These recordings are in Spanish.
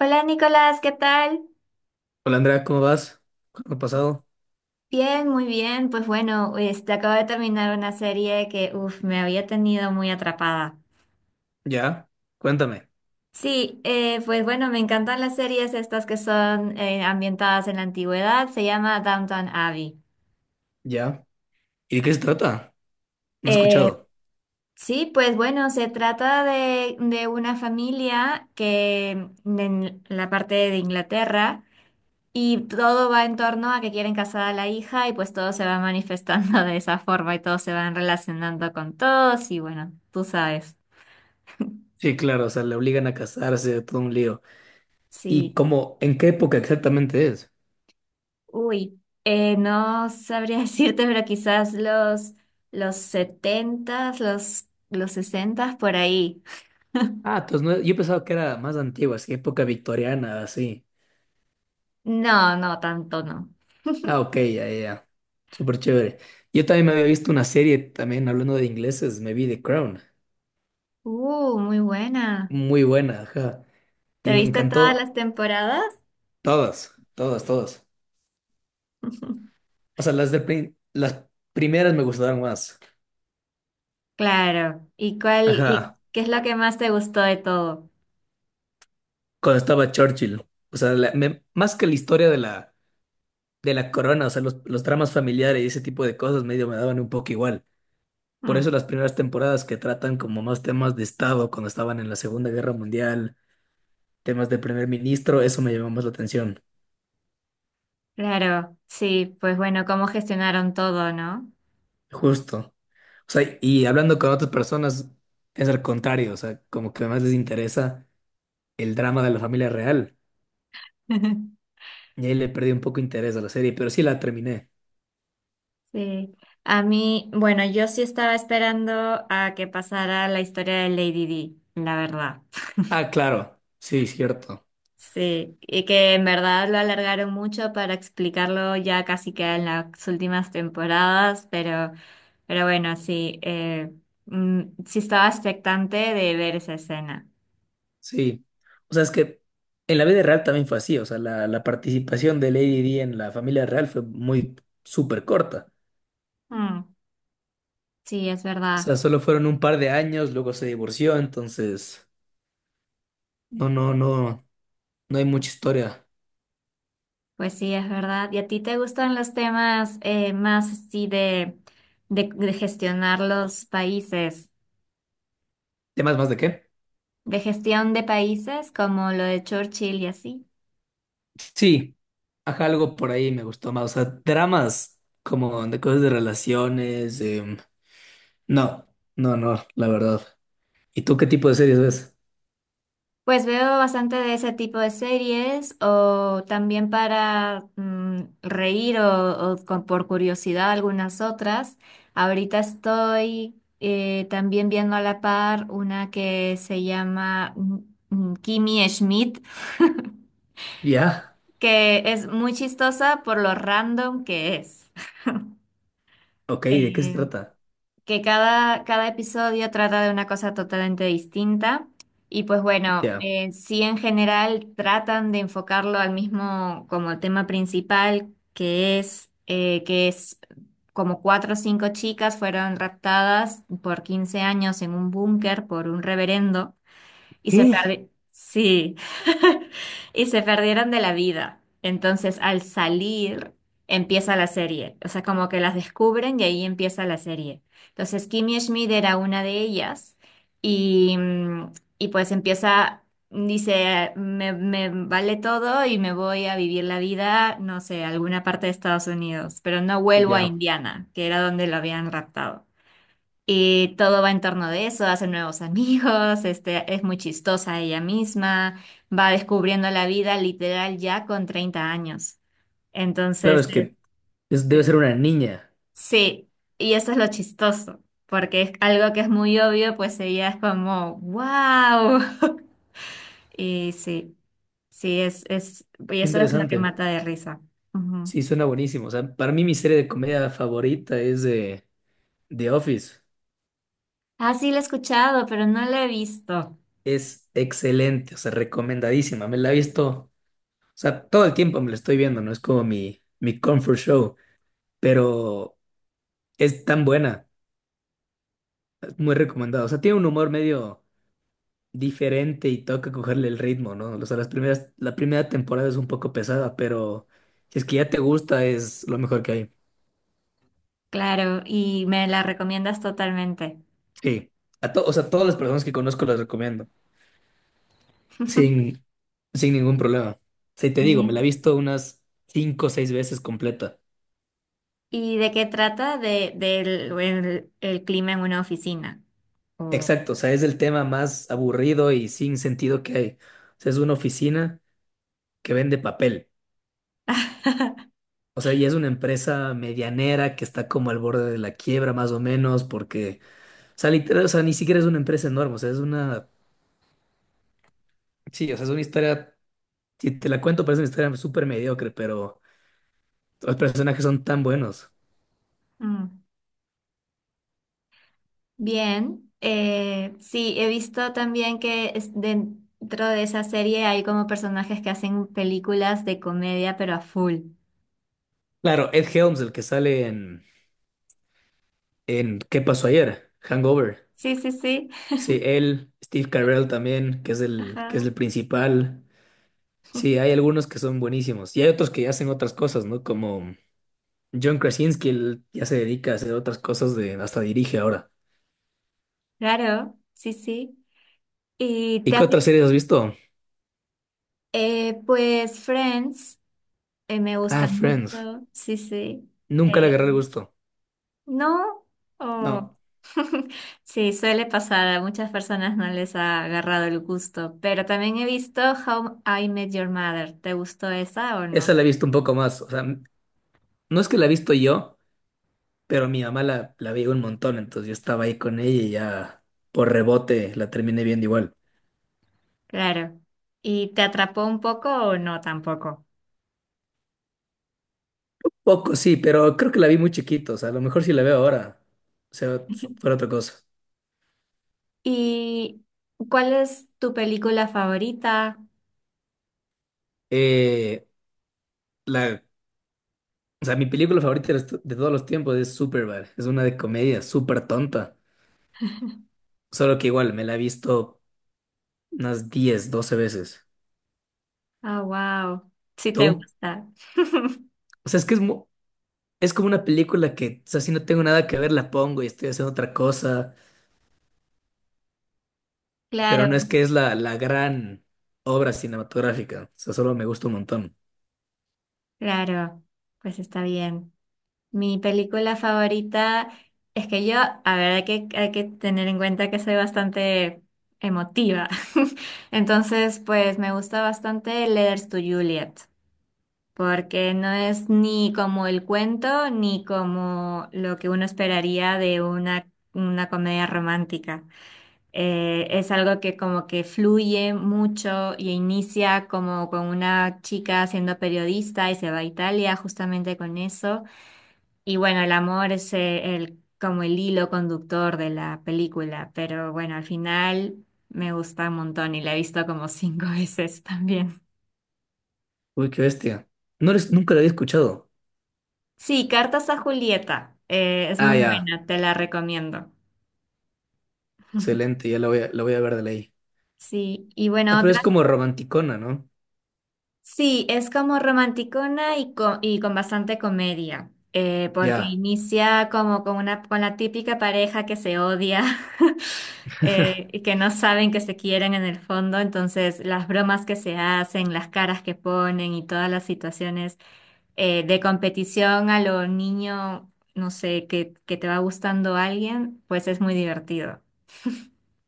Hola Nicolás, ¿qué tal? Hola Andrea, ¿cómo vas? ¿Cómo ha pasado? Bien, muy bien. Pues bueno, acabo de terminar una serie que, me había tenido muy atrapada. Ya, cuéntame. Sí, pues bueno, me encantan las series estas que son ambientadas en la antigüedad. Se llama Downton Abbey. Ya. ¿Y de qué se trata? No he Eh, escuchado. sí, pues bueno, se trata de una familia que en la parte de Inglaterra. Y todo va en torno a que quieren casar a la hija y pues todo se va manifestando de esa forma y todos se van relacionando con todos y bueno, tú sabes. Sí, claro, o sea, le obligan a casarse, todo un lío. ¿Y Sí, cómo, en qué época exactamente es? No sabría decirte, pero quizás los setentas, los sesentas por ahí. Ah, entonces yo pensaba que era más antigua, así, época victoriana, así. No, no, tanto no. Ah, ok, ya, ya, ya. Súper chévere. Yo también me había visto una serie, también hablando de ingleses, me vi The Crown. Muy buena. Muy buena, ajá. ¿Te Y me viste todas encantó las temporadas? todas, todas, todas. O sea, las primeras me gustaron más. Claro. ¿Y Ajá, qué es lo que más te gustó de todo? cuando estaba Churchill. O sea, más que la historia de la corona, o sea, los dramas familiares y ese tipo de cosas medio me daban un poco igual. Por Hmm. eso las primeras temporadas que tratan como más temas de Estado cuando estaban en la Segunda Guerra Mundial, temas de primer ministro, eso me llamó más la atención. Claro, sí, pues bueno, cómo gestionaron todo, ¿no? Justo. O sea, y hablando con otras personas, es al contrario, o sea, como que más les interesa el drama de la familia real. Y ahí le perdí un poco interés a la serie, pero sí la terminé. Sí. A mí, bueno, yo sí estaba esperando a que pasara la historia de Lady Di, la verdad. Ah, claro, sí, cierto. Sí, y que en verdad lo alargaron mucho para explicarlo ya casi que en las últimas temporadas, pero bueno, sí, sí estaba expectante de ver esa escena. Sí, o sea, es que en la vida real también fue así, o sea, la participación de Lady Di en la familia real fue muy súper corta, Mm, sí, es o verdad. sea, solo fueron un par de años, luego se divorció, entonces, no, no, no, no hay mucha historia. Pues sí, es verdad. ¿Y a ti te gustan los temas más así de gestionar los países, ¿Temas más de qué? de gestión de países como lo de Churchill y así? Sí, ajá, algo por ahí me gustó más, o sea, dramas como de cosas de relaciones, no, no, no, la verdad. ¿Y tú qué tipo de series ves? Pues veo bastante de ese tipo de series o también para reír o por curiosidad algunas otras. Ahorita estoy también viendo a la par una que se llama Kimi Schmidt, Ya, que es muy chistosa por lo random que es. ok, ¿de qué se Eh, trata? que cada episodio trata de una cosa totalmente distinta. Y pues bueno, Ya. Sí en general tratan de enfocarlo al mismo como tema principal, que es como cuatro o cinco chicas fueron raptadas por 15 años en un búnker por un reverendo y ¿Eh? Sí. Y se perdieron de la vida. Entonces, al salir, empieza la serie. O sea, como que las descubren y ahí empieza la serie. Entonces, Kimmy Schmidt era una de ellas y, mm, y pues empieza, dice, me vale todo y me voy a vivir la vida, no sé, a alguna parte de Estados Unidos, pero no vuelvo a Ya. Indiana, que era donde lo habían raptado. Y todo va en torno de eso, hace nuevos amigos, es muy chistosa ella misma, va descubriendo la vida literal ya con 30 años. Claro, Entonces, es que debe este, ser una niña. sí, y eso es lo chistoso, porque es algo que es muy obvio, pues ella es como, wow. Y sí, sí, y eso es lo que Interesante. mata de risa. Ujú. Sí, suena buenísimo. O sea, para mí mi serie de comedia favorita es The Office. Ah, sí, la he escuchado, pero no la he visto. Es excelente, o sea, recomendadísima. Me la he visto, o sea, todo el tiempo me la estoy viendo, ¿no? Es como mi comfort show, pero es tan buena, es muy recomendada. O sea, tiene un humor medio diferente y toca cogerle el ritmo, ¿no? O sea, las primeras, la primera temporada es un poco pesada, pero si es que ya te gusta, es lo mejor que hay. Claro, y me la recomiendas totalmente. Sí. A to- o sea, todas las personas que conozco las recomiendo. Sin, sin ningún problema. Sí, te digo, me la he Genial. visto unas cinco o seis veces completa. ¿Y de qué trata? De, del el clima en una oficina. o- Exacto, o sea, es el tema más aburrido y sin sentido que hay. O sea, es una oficina que vende papel. O sea, y es una empresa medianera que está como al borde de la quiebra, más o menos, porque, o sea, literal, o sea, ni siquiera es una empresa enorme. O sea, es una. Sí, o sea, es una historia. Si te la cuento, parece una historia súper mediocre, pero los personajes son tan buenos. Mm. Bien, sí, he visto también dentro de esa serie hay como personajes que hacen películas de comedia, pero a full. Claro, Ed Helms, el que sale en ¿Qué pasó ayer? Hangover. Sí, sí, sí. Sí, él, Steve Carell también, que es Ajá. el principal. Sí, hay algunos que son buenísimos. Y hay otros que hacen otras cosas, ¿no? Como John Krasinski, él ya se dedica a hacer otras cosas de, hasta dirige ahora. Claro, sí, sí. ¿Y ¿Y te qué has otras visto? series has visto? Pues Friends, me Ah, gusta Friends. mucho, sí, sí. Eh, Nunca le agarré el gusto. ¿No? Oh. No, Sí, suele pasar, a muchas personas no les ha agarrado el gusto, pero también he visto How I Met Your Mother. ¿Te gustó esa o esa no? la he visto un poco más. O sea, m- no es que la he visto yo, pero mi mamá la veía un montón, entonces yo estaba ahí con ella y ya por rebote la terminé viendo igual. Claro. ¿Y te atrapó un poco o no tampoco? Poco, sí, pero creo que la vi muy chiquito, o sea, a lo mejor si la veo ahora, o sea, fuera otra cosa. ¿Y cuál es tu película favorita? Eh, la, o sea, mi película favorita de de todos los tiempos es Superbad, es una de comedia súper tonta, solo que igual me la he visto unas 10 12 veces. Ah, wow. Sí te ¿Tú? gusta. O sea, es que es, es como una película que, o sea, si no tengo nada que ver, la pongo y estoy haciendo otra cosa, pero Claro, no es que es la, la gran obra cinematográfica, o sea, solo me gusta un montón. claro. Pues está bien. Mi película favorita es que yo, a ver, hay que tener en cuenta que soy bastante emotiva. Entonces, pues me gusta bastante Letters to Juliet, porque no es ni como el cuento ni como lo que uno esperaría de una comedia romántica. Es algo que como que fluye mucho y inicia como con una chica siendo periodista y se va a Italia justamente con eso. Y bueno, el amor es como el hilo conductor de la película, pero bueno, al final me gusta un montón y la he visto como cinco veces también. Uy, qué bestia. No eres, nunca la había escuchado. Sí, Cartas a Julieta, es Ah, muy ya. buena, te la recomiendo. Excelente, ya la voy a ver de ley. Sí, y Ah, bueno, pero es otra, como romanticona, ¿no? sí, es como romanticona y con bastante comedia, porque Ya, inicia como con con la típica pareja que se odia. Y que no saben que se quieren en el fondo, entonces las bromas que se hacen, las caras que ponen y todas las situaciones de competición a lo niño, no sé, que te va gustando alguien, pues es muy divertido.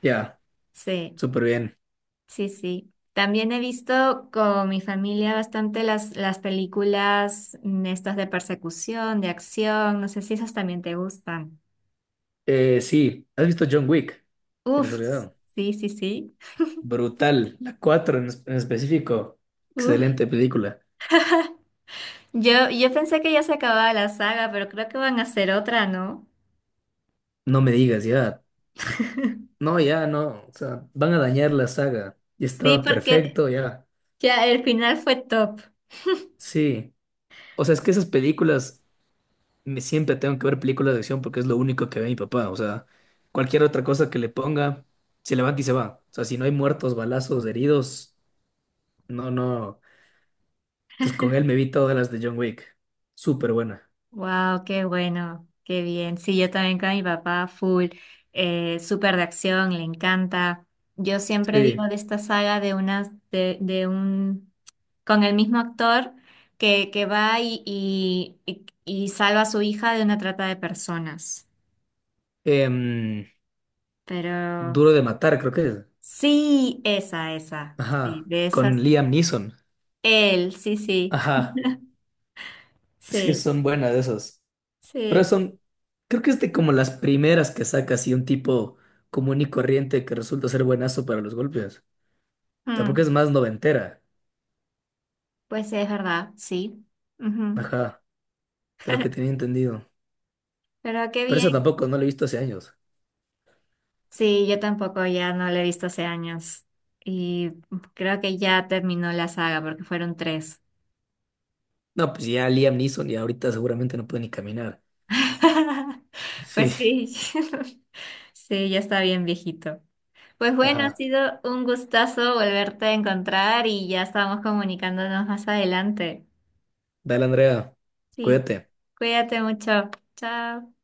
ya, Sí, súper bien. sí, sí. También he visto con mi familia bastante las películas estas de persecución, de acción, no sé si esas también te gustan. Sí, ¿has visto John Wick? De Uf, casualidad. sí, sí, sí. Brutal, la 4 en específico. Excelente película. Yo pensé que ya se acababa la saga, pero creo que van a hacer otra, ¿no? No me digas, ya. No, ya, no. O sea, van a dañar la saga. Y Sí, estaba porque perfecto, ya. ya el final fue top. Sí. O sea, es que esas películas siempre tengo que ver películas de acción porque es lo único que ve mi papá. O sea, cualquier otra cosa que le ponga, se levanta y se va. O sea, si no hay muertos, balazos, heridos, no, no. Entonces con él me vi todas las de John Wick. Súper buena. Wow, qué bueno, qué bien. Sí, yo también con mi papá, full, súper de acción, le encanta. Yo siempre digo Sí. de esta saga de unas, con el mismo actor que va y salva a su hija de una trata de personas. Em, Pero Duro de matar, creo que es. sí, esa, esa. Sí, Ajá. de esa. Con Liam Neeson. Él, sí, sí, Ajá. Sí, sí, son buenas de esas. Pero sí. son, creo que es de como las primeras que saca así un tipo común y corriente que resulta ser buenazo para los golpes. O sea, porque Mm, es más noventera. pues sí, es verdad, sí. Ujú. Ajá, de lo que tenía entendido. Pero qué Pero bien. esa tampoco, no la he visto hace años. Sí, yo tampoco ya no la he visto hace años. Y creo que ya terminó la saga porque fueron tres. No, pues ya Liam Neeson y ahorita seguramente no puede ni caminar. Sí, Pues sí, sí, ya está bien viejito. Pues bueno, ha ajá. sido un gustazo volverte a encontrar y ya estamos comunicándonos más adelante. Dale, Andrea, Sí, cuídate. cuídate mucho. Chao.